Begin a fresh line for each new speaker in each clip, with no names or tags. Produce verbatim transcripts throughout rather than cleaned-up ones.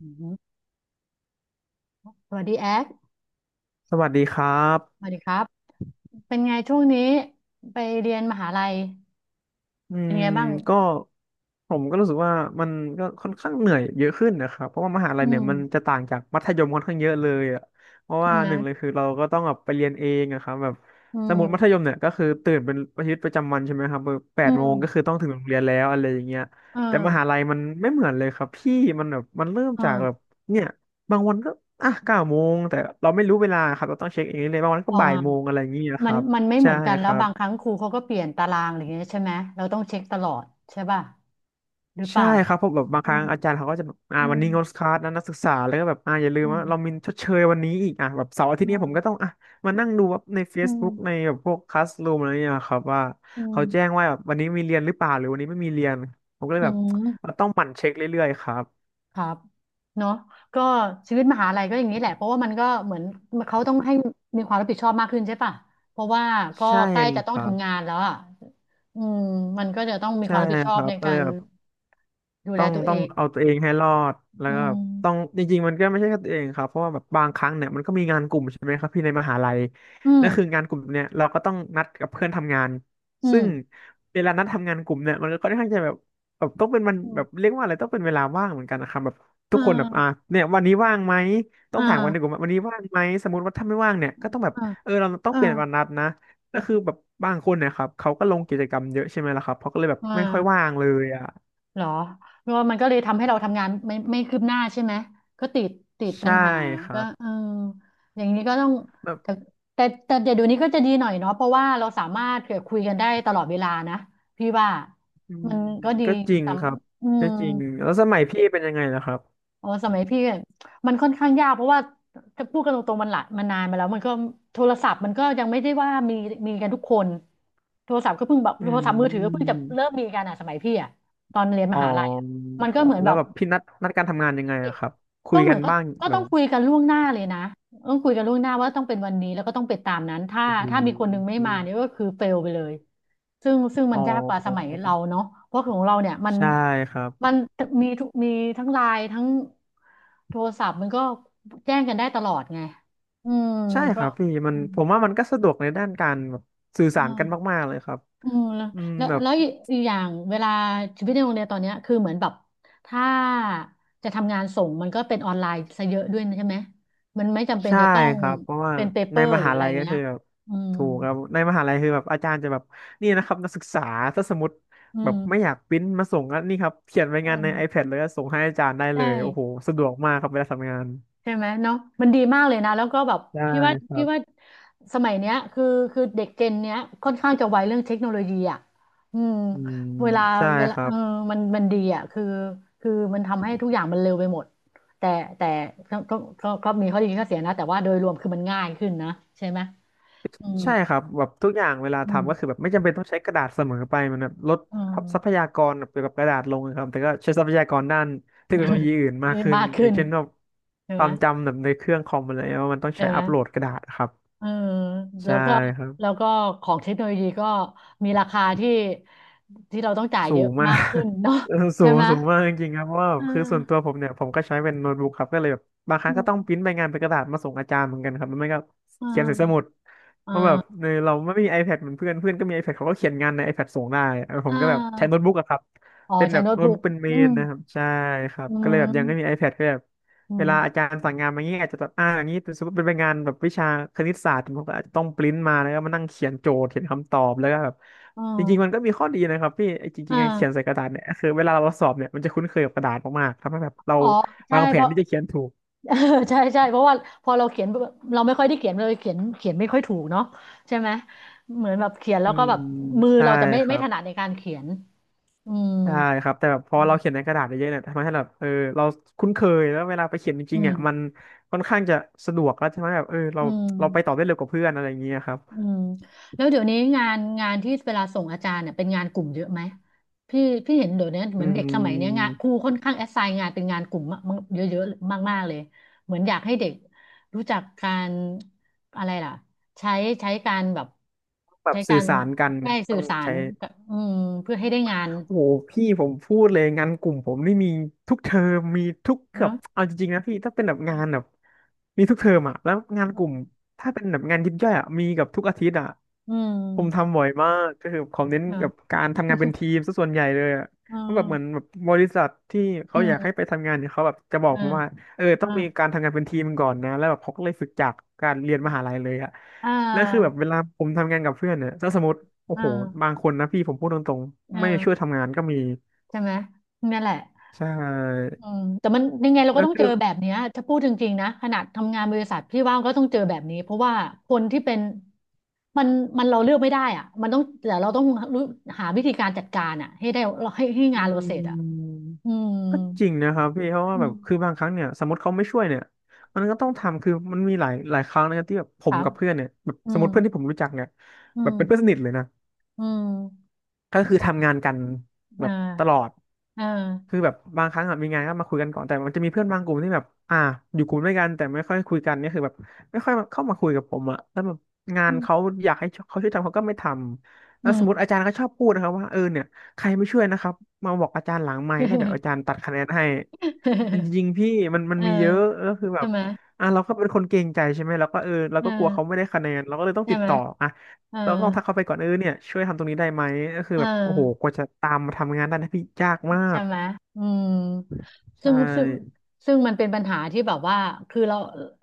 อืมสวัสดีแอ๊ก
สวัสดีครั
ส
บ
วัสดีครับเป็นไงช่วงนี้ไปเรียนมหาลัย
อื
เป็น
ม
ไงบ้าง
ก็ผมก็รู้สึกว่ามันก็ค่อนข้างเหนื่อยเยอะขึ้นนะครับเพราะว่ามหาลั
อื
ยเนี่ย
ม
มันจะต่างจากมัธยมค่อนข้างเยอะเลยอ่ะเพราะ
ใช่
ว่า
ไหม
หนึ่งเลยคือเราก็ต้องแบบไปเรียนเองอะครับแบบ
อื
สมมติมัธย
ม
มเนี่ยก็คือตื่นเป็นชีวิตประจำวันใช่ไหมครับแบบแป
อื
ด
ม
โมงก็คือต้องถึงโรงเรียนแล้วอะไรอย่างเงี้ย
เอ
แต่มหา
อ
ลัยมันไม่เหมือนเลยครับพี่มันแบบมันเริ่ม
เอ
จากแบบ
อ
เนี่ยบางวันก็อ่ะเก้าโมงแต่เราไม่รู้เวลาครับเราต้องเช็คเองเลยบางวันก็
อ๋อ
บ่ายโมงอะไรอย่างเงี้ยค
มัน
รับ
มันไม่เห
ใช่
มือนกัน
ค
แล้ว
รับ
บางครั้งครูเขาก็เปลี่ยนตารางอะไรอย่างเงี้ยใช่ไหมเราต้องเช็คตลอดใช่ป่ะหรือเป
ใช่
ล่า
ครับเพราะแบบบาง
อื
ครั้
ม
งอาจารย์เขาก็จะแบบอ่า
อื
วัน
ม
นี้งดคลาสนะนักศึกษาแล้วก็แบบอ่าอย่าลืม
อื
ว่าเรา
ม
มีชดเชยวันนี้อีกอ่ะแบบเสาร์อาทิตย์เนี้ผมก็ต้องอ่ะมานั่งดูว่าใน
อื
Facebook ใน
ม
แบบพวกคลาสรูมอะไรเนี่ยครับว่า
อืมอื
เขาแจ้ง
ม
ว่าแบบวันนี้มีเรียนหรือเปล่าหรือวันนี้ไม่มีเรียนผมก็เล
อื
ยแบบเรา
ม
ต้องหมั่นเช็คเรื่อยๆครับ
ครับเนาะก็ชีวิตมหาลัยก็อย่างนี้แหละเพราะว่ามันก็เหมือนเขาต้องให้มีความรับผิดชอบมากขึ้นใช่ปะเพราะว่าก็
ใช่
ใกล้จะต้
ค
อง
รับ
ทำงานแล้วอ่ะอืมมันก็จะต้องมีค
ใช่
วามรับผิดชอ
ค
บ
รับ
ใน
ก็
กา
เลย
ร
แบบ
ดูแล
ต้อง
ตัวเอ
ต้อง
ง
เอาตัวเองให้รอดแล้ว
อื
ก็แบบต้อง
ม
จริงๆมันก็ไม่ใช่แค่ตัวเองครับเพราะว่าแบบบางครั้งเนี่ยมันก็มีงานกลุ่มใช่ไหมครับพี่ในมหาลัย
อืม
นั่นคืองานกลุ่มเนี่ยเราก็ต้องนัดกับเพื่อนทำงาน
อื
ซึ่ง
ม
เวลานัดทำงานกลุ่มเนี่ยมันก็ค่อนข้างจะแบบแบบต้องเป็นมัน
อื
แบบ
ม
เรียกว่าอะไรต้องเป็นเวลาว่างเหมือนกันนะครับแบบ
อ่
ทุกคนแบบอ่า
า
เนี่ยวันนี้ว่างไหมต้อง
อ่า
ถามวันในกลุ่มว่าวันนี้ว่างไหมสมมติว่าถ้าไม่ว่างเนี่ยก็ต้องแบบ
อ่า
เออเราต้อง
อ่า
เปลี่ยนวันนัดนะก็คือแบบบางคนเนี่ยครับเขาก็ลงกิจกรรมเยอะใช่ไหมล่ะครับเขาก็เลยแบบ
อ่
ไม่ค่อยว่า
า
งเลยอ่ะ
เหรอแล้วมันก็เลยทำให้เราทำงานไม่ไม่คืบหน้าใช่ไหม ก็ติดติดปั
ใช่
ญหา
ครั
ก็
บ
เอออย่างนี้ก็ต้อง
แบบ
แต่แต่แต่เดี๋ยวเดี๋ยวนี้ก็จะดีหน่อยเนาะเพราะว่าเราสามารถเผื่อคุยกันได้ตลอดเวลานะพี่ว่า
อืม
มันก็ดี
ก็จริง
ส
ครับ
ำอืม
ก็จริงแล้วสมัยพี่เป็นยังไงล่ะครับ
อ๋อสมัยพี่อะมันค่อนข้างยากเพราะว่าจะพูดกันตรงๆมันหละมันนานมาแล้วมันก็โทรศัพท์มันก็ยังไม่ได้ว่ามีมีกันทุกคนโทรศัพท์ก็เพิ่งแบบ
อื
โทรศัพท์มือถือก็เพิ่งจะ
ม
เริ่มมีกันอ่ะสมัยพี่อ่ะตอนเรียนม
อ๋อ
หาลัยอะมัน
ค
ก็
รั
เห
บ
มือน
แล้
แบ
ว
บ
แบบพี่นัดนัดการทำงานยังไงอะครับคุ
ก็
ย
เหมื
กั
อ
น
นก็
บ้าง
ก็
แบ
ต้อ
บ
งคุยกันล่วงหน้าเลยนะต้องคุยกันล่วงหน้าว่าต้องเป็นวันนี้แล้วก็ต้องไปตามนั้นถ้า
โอ้โห
ถ้ามีคนหนึงไม่มาเนี่ยก็คือเฟลไปเลยซึ่งซึ่ง
อ๋
มัน
อ
ยากกว่าสมัยเราเนาะเพราะของเราเนี่ยมัน
ใช่ครับ
มันมีทุกมีทั้งไลน์ทั้งโทรศัพท์มันก็แจ้งกันได้ตลอดไงอืม
ใช่ค
ก็
รับพี่มั
อื
น
ม
ผมว่ามันก็สะดวกในด้านการแบบสื่อสารกัน
อ่า
มากๆเลยครับ
อืมแล้ว
อืม
แล้ว
แบบ
แล้วอีกอย่างเวลาชีวิตในโรงเรียนตอนเนี้ยคือเหมือนแบบถ้าจะทำงานส่งมันก็เป็นออนไลน์ซะเยอะด้วยนะใช่ไหมมันไม่จำเป็น
ใช่
จะต้อง
ครับเพราะว่า
เป็นเปเป
ใน
อร์
ม
หรือ
หา
อะไร
ลัยก็
เงี้ย
คือแบบ
อืม
ถูกครับในมหาลัยคือแบบอาจารย์จะแบบนี่นะครับนักศึกษาถ้าสมมติ
อื
แบบไม่อยา
ม
กปริ้นมาส่งก็นี่ครับเขียนราย
อื
งานใน
ม
iPad เลยก็ส่งให้อาจารย์ได้เล
ใช่
ยโอ้โหสะดวกมากครับเวลาทำงาน
ใช่ไหมเนาะมันดีมากเลยนะแล้วก็แบบ
ใช่
พี่ว่า
ครั
พี่ว่า
บ
สมัยเนี้ยคือคือเด็กเจนเนี้ยค่อนข้างจะไวเรื่องเทคโนโลยีอ่ะอืม
อืม
เวลา
ใช่
เวลา
ครั
เออ
บ
มันมันดีอ่ะคือคือมันทำให้ทุกอย่างมันเร็วไปหมดแต่แต่ก็ก็ก็ก็มีข้อดีข้อเสียนะแต่ว่าโดยรวมคือมันง่ายขึ้นนะใช่ไหมอืม
ใช่ครับแบบทุกอย่างเวลา
อืม
ทำก็คือแบบไม่จำเป็นต้องใช้กระดาษเสมอไปมันแบบลด
อืม
ทรัพยากรเกี่ยวกับกระดาษลงนะครับแต่ก็ใช้ทรัพยากรด้านเทคโนโลยีอื่นมากขึ้ น
มาก
อ
ขึ้
ย่าง
น
เช่นแบบ
ใช่
ค
ไห
วา
ม
มจำแบบในเครื่องคอมอะไรว่ามันต้อง
ใช่
ใช้
ไหม
อัปโหลดกระดาษครับ
เออแล้
ใช่
วก็
ครับ
แล้วก็ของเทคโนโลยีก็มีราคาที่ที่เราต้องจ่าย
สู
เยอะ
งมาก
มากขึ้นเนาะ
เออ สู
ใช่
ง
ไหม
สูงมากจริงๆครับเพราะว่า
เอ
คือ
อ
ส่วนตัวผมเนี่ยผมก็ใช้เป็นโน้ตบุ๊กครับก็เลยแบบบางครั้
อื
งก็
ม
ต้องปริ้นใบงานเป็นกระดาษมาส่งอาจารย์เหมือนกันครับมันไม่ก็
เอ
เขียนใส่สมุ
อ
ด
เอ
เพราะแบบ
อ
เออเราไม่มี iPad เหมือนเพื่อนเพื่อนก็มี iPad เขาก็เขียนงานใน iPad ส่งได้เออผ
อ่
มก็แบบใช้โน้ต
า
บุ๊กอะครับ
อ๋อ
เป็น
ใช้
แบบ
โน้ต
โน้ต
บุ๊ก
บุ๊กเป็นเม
อื
น
ม
นะครับใช่ครับ
อื
ก็เลยแบบยังไม่มี
ม
iPad ก็แบบ
อื
เว
ม
ลาอาจารย์สั่งงานมาเงี้ยอาจจะแบบอ่าอย่างนี้สมมติเป็นใบงานแบบวิชาคณิตศาสตร์ผมก็อาจจะต้องปริ้นมาแล้วก็มานั่งเขียนโจทย์เขียนคำตอบแล้วก็แบบ
อ๋อ
จริงๆมันก็มีข้อดีนะครับพี่ไอ้จริ
อ่า
งๆไอ้เขียนใส่กระดาษเนี่ยคือเวลาเราสอบเนี่ยมันจะคุ้นเคยกับกระดาษมากๆทำให้แบบเรา
อ๋อใช่
วางแผ
เพ
น
ราะ
ที่จะเขียนถูก
ใช่ใช่เพราะว่าพอเราเขียนเราไม่ค่อยได้เขียนเลยเขียนเขียนไม่ค่อยถูกเนาะใช่ไหมเหมือนแบบเขียนแล้
อื
วก็
ม
แบบมือ
ใช่
เราจะไม่
ค
ไม่
รั
ถ
บ
นัดในการเขียนอืม
ใช่ครับแต่แบบพอเราเขียน
อื
ในกระดาษเยอะๆเนี่ยทำให้แบบเออเราคุ้นเคยแล้วเวลาไปเขียนจริงๆเนี่ยมัน
ม
ค่อนข้างจะสะดวกแล้วใช่ไหมแบบเออเรา
อืม
เราไปต่อได้เร็วกว่าเพื่อนอะไรอย่างเงี้ยครับ
อืมแล้วเดี๋ยวนี้งานงานที่เวลาส่งอาจารย์เนี่ยเป็นงานกลุ่มเยอะไหมพี่พี่เห็นเดี๋ยวนี้เห
อื
มือนเด็กสมัยเนี้ยงาน
ม
ครูค่อนข้างแอสไซน์งานเป็นงานกลุ่มมากๆเยอะๆมากๆเลยเหมือนอยากให้เด็กรู้จักการอะไรล่ะใช้ใช้การแบบ
แบบ
ใช้กา
สื่อ
ร
สารกันเนี่
ได้
ย
สื่
ต้อ
อ
ง
สาร
ใช้
กับอืมเพื่อให้ได้งาน
โอ้โหพี่ผมพูดเลยงานกลุ่มผมนี่มีทุกเทอมมีทุก
เน
เกือบ
อะ
เอาจริงๆนะพี่ถ้าเป็นแบบงานแบบมีทุกเทอมอ่ะแล้วงานกลุ่มถ้าเป็นแบบงานยิบย่อยอ่ะมีกับทุกอาทิตย์อ่ะ
อื
ผม
ม
ทำบ่อยมากก็คือผมเน้น
อ่า
แบบการทำงานเป็น ทีมซะส่วนใหญ่เลยอ่ะ
อื
เพราะแบ
ม
บเหมือนแบบบริษัทที่
อื
เขาอยากให้ไป
ม
ทำงานเนี่ยเขาแบบจะบอก
อ่า
มาว่าเออต้อ
อ่า
งมีการทำงานเป็นทีมก่อนนะแล้วแบบเขาก็เลยฝึกจากการเรียนมหาลัยเลยอ่ะ
อ่
แล้วคือแบบ
า
เวลาผมทำงานกับเพื่อนเนี่ยถ้าสมมติ โอ้
อ่
โหบาง
า
คนนะพี่ผมพูดตรง
เอ
ๆไม่
อ
ช่วยทำงานก็มี
ใช่ไหมนั่นแหละ
ใช่
อืมแต่มันยังไงเราก็
แล้ว
ต้องเจ
คื
อ
อ
แบบเนี้ยถ้าพูดจริงๆนะขนาดทำงานบริษัทพี่ว่าก็ต้องเจอแบบนี้เพราะว่าคนที่เป็นมันมันเราเลือกไม่ได้อ่ะมันต้องแต่เราต้องรู้หาวิธีการจัดการอ่ะให้ได้เราให้ให้
อื
งานเรา
ม
เสร็จอ่ะอืม
ก็จริงนะครับพี่เพราะว่า
อื
แบ
ม
บคือบางครั้งเนี่ยสมมติเขาไม่ช่วยเนี่ยมันก็ต้องทำคือมันมีหลายหลายครั้งนะครับที่แบบผ
ค
ม
รับ
กับเพื่อนเนี่ยแบบ
อื
สมม
ม
ติเพื่อนที่ผมรู้จักเนี่ย
อื
แบบเป็นเพื่อน
ม
สนิทเลยนะ
อืม
ก็คือทำงานกัน
อ
แบบตล
่า
อด
อ่า
คือแบบบางครั้งอะมีงานก็มาคุยกันก่อนแต่มันจะมีเพื่อนบางกลุ่มที่แบบอ่าอยู่กลุ่มด้วยกันแต่ไม่ค่อยคุยกันเนี่ยคือแบบไม่ค่อยเข้ามาคุยกับผมอะแล้วแบบงา
อื
น
ม
เขาอยากให้เขาช่วยทำเขาก็ไม่ทำ
อื
แล้วส
ม
มมติอาจารย์ก็ชอบพูดนะครับว่าเออเนี่ยใครไม่ช่วยนะครับมาบอกอาจารย์หลังไมค์ได้เดี๋ยวอาจา รย์ตัดคะแนนให้จริงๆพี่มันมั
เอ
น
อ
มีเยอะก็คือแบ
ใช่
บ
ไหม
อ่ะเราก็เป็นคนเกรงใจใช่ไหมเราก็เออเรา
เ
ก็กลัวเขา
ออ
ไม่ได้คะแนนเราก็เลยต้อง
ใช่
ติด
ไหม
ต่ออ่ะ
เออ
เราก็ต้องทักเขาไปก่อนเออเนี่ยช่วยทำตรงนี้ได้ไหมก็คือ
เอ
แบบโอ้โหก
อ
ว่าจะตามมาทำงานได้นะพี่ยากมา
ใช่
ก
ไหมอืมซึ่
ใช่
งซึ่งซึ่งมันเป็นปัญหาที่แบบว่าคือเรา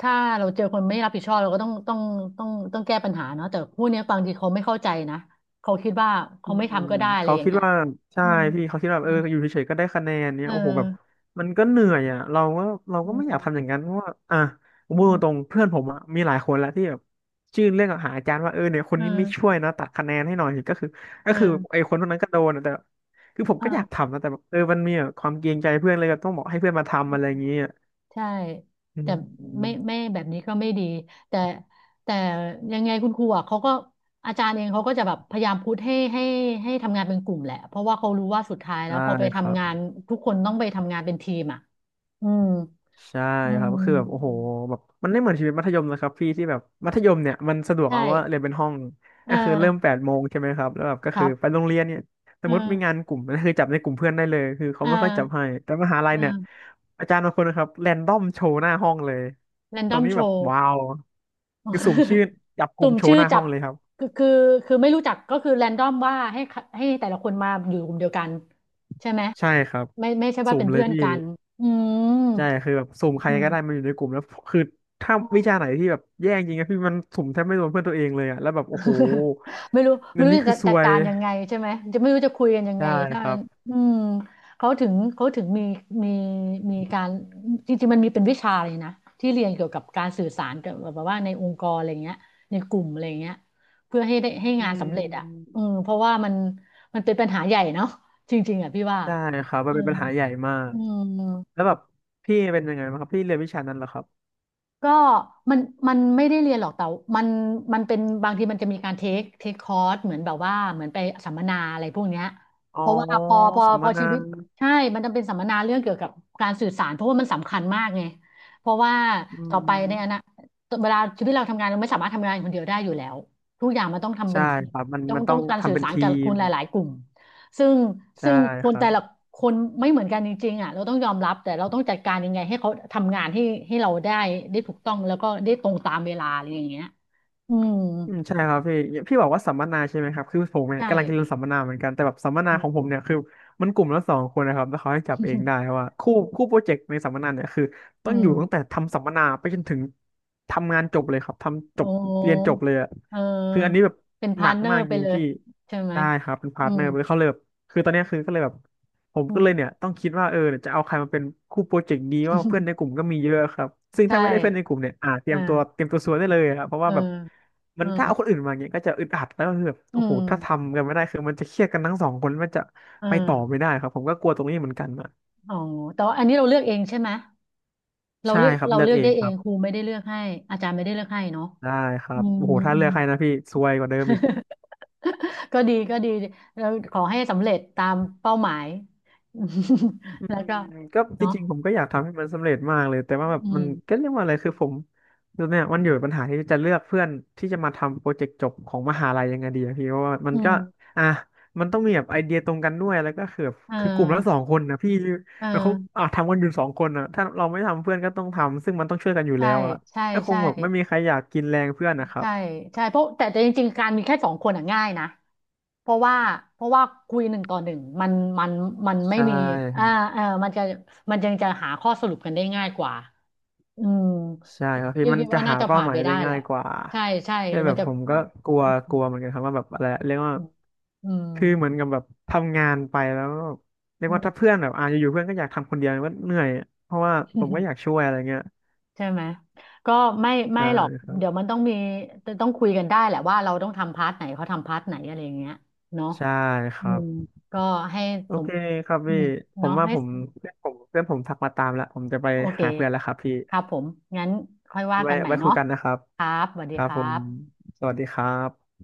ถ้าเราเจอคนไม่รับผิดชอบเราก็ต้องต้องต้องต้องแก้ปัญหาเนาะแต่ผู้เนี้ยบางทีเขาไม่เข้าใจนะ เขาคิดว่า
อื
เขาไม่
ม
ทำก็ได้อะไร
เขา
อย่าง
คิด
เงี้ย
ว่าใช่
อืม
พี่เขาคิดว่า
อื
เออ
ม
อยู่เฉยๆก็ได้คะแนนเนี่
เอ
ย
อ
โอ้โหแบบมันก็เหนื่อยอ่ะเราก็เรา
อื
ก็ไม่อ
ม
ยากทำอย่างนั้นเพราะว่าอ่ะผมพู
อื
ดตร
ม
งๆเพื่อนผมอ่ะมีหลายคนแล้วที่แบบชื่นเรื่องกับหาอาจารย์ว่าเออเนี่ยคน
เออ
นี้ไม่ช่วยนะตัดคะแนนให้หน่อยก็คือ
เอ
ก็
อ
คือไอ้คนพวกนั้นก็โดนอะแต่คือผมก็อยา
เอ
กทำนะแต่แบบเออมันมีแบบความเกรงใจเพื่อนเลยแบบต้องบอกให้เพื่อนมา
อ
ทำอะไรอย่างเงี้ย
ใช่
อื
แต่ไม่ไม่
ม
แบบนี้ก็ไม่ดีแต่แต่ยังไงคุณครูอ่ะเขาก็อาจารย์เองเขาก็จะแบบพยายามพุชให้ให้ให้ทำงานเป็นกลุ่มแหละเพราะว่าเขารู้ว่าสุดท้ายแล้
ใช่
วพอไป
ครั
ทำ
บ
งานทุกคนต้องไปทำงานเป็นทีมอ่ะอืม
ใช่
อื
ครับ
ม
ก็คือแบบโอ้โหแบบมันไม่เหมือนชีวิตมัธยมนะครับพี่ที่แบบมัธยมเนี่ยมันสะดวก
ใช่
เอาว่าเรียนเป็นห้อง
เออ
ก็คือเริ่มแปดโมงใช่ไหมครับแล้วแบบก็
ค
คื
รั
อ
บ
ไปโรงเรียนเนี่ยส
เอ
มมติมีงา
อ
นกลุ่มก็คือจับในกลุ่มเพื่อนได้เลยคือเขา
เออ
ไม่ค่อยจับให้แต่มหาลัยเนี่ย
เออ
อาจารย์บางคนนะครับแรนดอมโชว์หน้าห้องเลย
แรน
ต
ด
ร
อ
ง
ม
นี้
โช
แบบ
ว์
ว้าวคือสุ่มชื่อจับก
สุ่
ลุ่ม
ม
โช
ชื่
ว์
อ
หน้า
จั
ห้อ
บ
งเลยครับ
คือคือคือไม่รู้จักก็คือแรนดอมว่าให้ให้แต่ละคนมาอยู่กลุ่มเดียวกันใช่ไหม
ใช่ครับ
ไม่ไม่ใช่ว่า
สุ่
เป็
ม
น
เล
เพื่
ย
อน
พี่
กันอืม
ใช่คือแบบสุ่มใคร
อืม
ก็ได้มาอยู่ในกลุ่มแล้วคือถ้า
อ๋อ
วิชาไหนที่แบบแย่จริงนะพี่มันสุ่มแทบไม่โดนเพื่อนตัวเองเลยอะแล้วแบบโอ้โห
ไม่รู้ไม่
อัน
รู้
นี้คื
จะ
อซ
จัด
วย
การยังไงใช่ไหมจะไม่รู้จะคุยกันยังไง
ใช่
ถ้า
ครั
มัน
บ
อืมเขาถึงเขาถึงมีมีมีการจริงๆมันมีเป็นวิชาเลยนะที่เรียนเกี่ยวกับการสื่อสารกับแบบว่าในองค์กรอะไรเงี้ยในกลุ่มอะไรเงี้ยเพื่อให้ได้ให้
อื
งานสำเร็จอ่ะ
ม
อืมเพราะว่ามันมันเป็นปัญหาใหญ่เนาะจริงๆอ่ะพี่ว่า
ใช่ครับมั
เอ
น
อ
เป็นปัญหาใหญ่มาก
อืม
แล้วแบบพี่เป็นยังไงบ้างครับพี่เรียนวิชานั้นเหรอครับ
ก็มันมันไม่ได้เรียนหรอกแต่มันมันเป็นบางทีมันจะมีการเทคเทคคอร์สเหมือนแบบว่าเหมือนไปสัมมนาอะไรพวกเนี้ย
อ๋อ
เพราะว่าพอพอ
สัม
พ
ม
อชี
นา
วิตใช่มันจะเป็นสัมมนาเรื่องเกี่ยวกับการสื่อสารเพราะว่ามันสำคัญมากไงเพราะว่า
อื
ต่อไปในอนา
ม
คตเวลาชีวิตเราทำงานเราไม่สามารถทำงานคนเดียวได้อยู่แล้วทุกอย่างมันต้องทำเป็
ใช่
นทีม
ครับมัน
ต้อง
มันต้
ต้อ
อ
ง
ง
การสื่
ทำ
อ
เป็น
สาร
ที
กับค
ม
นหลายๆกลุ่ม ซึ่ง
ใช่
ซึ่งค
ค
น
รั
แต่
บ
ละคนไม่เหมือนกันจริงๆอ่ะเราต้องยอมรับแต่เราต้องจัดการยังไงให้เขาทำงานให้ให้เราได้ได้ถูกต้องแล้วก็ได้ตรงตามเวลาอะไรอย่างเงี้ยอืม
อืมใช่ครับพี่พี่บอกว่าสัมมนาใช่ไหมครับคือผมเนี่ย
ใช่
กำลังจะเรียนสัมมนาเหมือนกันแต่แบบสัมมนา
อื
ข
ม
องผมเนี่ยคือมันกลุ่มละสองคนนะครับแล้วเขาให้จับเองได้เพราะว่าคู่คู่โปรเจกต์ในสัมมนาเนี่ยคือ
อื
ต้องอยู่ตั้งแต่
ม
ทำสัมมนาไปจนถึงทำงานจบเลยครับทำจ
โอ้
บเรียนจบเลยอะ
เอ
คืออันนี้
อ
แบบ
เป็น
ห
พา
นั
ร์ท
ก
เนอ
มาก
ร์ไป
จริง
เลย
พี่
ใช่ไหม
ได้ครับเป็นพา
อื
ร์ทเนอ
ม
ร์เลยเขาเลยแบบคือตอนเนี้ยคือก็เลยแบบ ผม
อื
ก็
ม
เลยเนี่ยต้องคิดว่าเออเนี่ยจะเอาใครมาเป็นคู่โปรเจกต์ดีว่าเพื่อน ในกลุ่มก็มีเยอะครับซึ่ง
ใช่
ถ้าไม่ได้เพื่อนในกลุ่มเนี่ยอ่าเตรียมตัว
อ่า
เตรียมตัวซวยได้เลยครับเพราะ
เอ
ว่า
อ
แบบมั
เออ
นถ้าเอาคนอื่นมาเนี่ยก็จะอึดอัดแล้วก็คือแบบ
อื
โอ้โห
ม
ถ้าทำกันไม่ได้คือมันจะเครียดกันทั้งสองคนมันจะ
เอ
ไปต่อไม่
อ
ได้ครับผมก็กลัวตรงนี้เหมือนกันอ่ะ
อ๋อแต่ว่าอันนี้เราเลือกเองใช่ไหมเรา
ใช่
เลือก
ครับ
เรา
เลือก
เลือก
เอ
ได้
ง
เอ
ครั
ง
บ
ครูไม่ได้เลือกให้อาจารย์ไม่ได้เลือกให้เนาะ
ได้ครั
อื
บ
ม
โอ้โหถ้า
อื
เลือ
ม
กใครนะพี่ซวยกว่าเดิมอีก
ก็ดีก็ดีแล้วขอให้สำเร็จตามเป้าหมาย
อื
แล้วก็
มก็จ
เนาะ
ริงๆผมก็อยากทำให้มันสำเร็จมากเลยแต่ว่าแบบ
อื
มัน
ม
ก็เรียกว่าอะไรคือผมคือเนี่ยมันอยู่ปัญหาที่จะเลือกเพื่อนที่จะมาทำโปรเจกต์จบของมหาลัยยังไงดีอะพี่เพราะว่ามั
อื
นก็
ม
อ่ะมันต้องมีแบบไอเดียตรงกันด้วยแล้วก็คือแบบ
เออ
คือกลุ่มละสองคนนะพี่
เอ
แล้วเขา
อ
อ่ะทำกันอยู่สองคนนะถ้าเราไม่ทำเพื่อนก็ต้องทำซึ่งมันต้องช่วยกันอยู่
ใช่
แล้วอะ
ใช่
ก็คง
ใช่
แบบไม่มีใครอยากกินแรงเพื่อนนะครับ
ใช่ใช่เพราะแต่แต่จริงๆการมีแค่สองคนอ่ะง่ายนะเพราะว่าเพราะว่าคุยหนึ่งต่อหนึ่งมันมันมันไม่
ใช่
มีอ่าเออมันจะมันยังจะหาข้อสรุปกันได้ง่ายกว่าอืม
ใช่ครับพี่
พี่
มัน
คิด
จะ
ว่าน่า
หา
จะ
เป้า
ผ่าน
หมา
ไป
ยได้
ได้แห
ง่า
ละ
ยกว่า
ใช่ใช่
แต่แบ
มัน
บ
จะ
ผมก็กลัวกลัวเหมือนกันครับว่าแบบอะไรเรียกว่า
อืมอืม
คือเหมือนกับแบบทำงานไปแล้วเรียก
อื
ว่าถ้าเพื่อนแบบอ่าอยู่ๆเพื่อนก็อยากทำคนเดียวมันก็เหนื่อยเพราะว่า
ม
ผมก็ อยากช่วยอะไรเงี้ย
ใช่ไหมก็ไม่ไม่
ใช่
หรอก
ครั
เดี๋ยวมั
บ
นต้องมีต้องคุยกันได้แหละว่าเราต้องทำพาร์ทไหนเขาทำพาร์ทไหนอะไรอย่างเงี้ยเนาะ
ใช่ค
อื
รับ
มก็ให้
โอ
สม
เคครับ
อื
พี่
ม
ผม
เนาะ
ว่า
ให้
ผมเพื่อนผมเพื่อนผมทักมาตามแล้วผมจะไป
โอเค
หาเพื่อนแล้วครับพี่
ครับผมงั้นค่อยว่า
ไว้
กันใหม่
ไว้คุ
เนาะ
ยกันนะครับ
ครับสวัส
ค
ดี
รั
ค
บผ
รั
ม
บ
สวัสดีครับ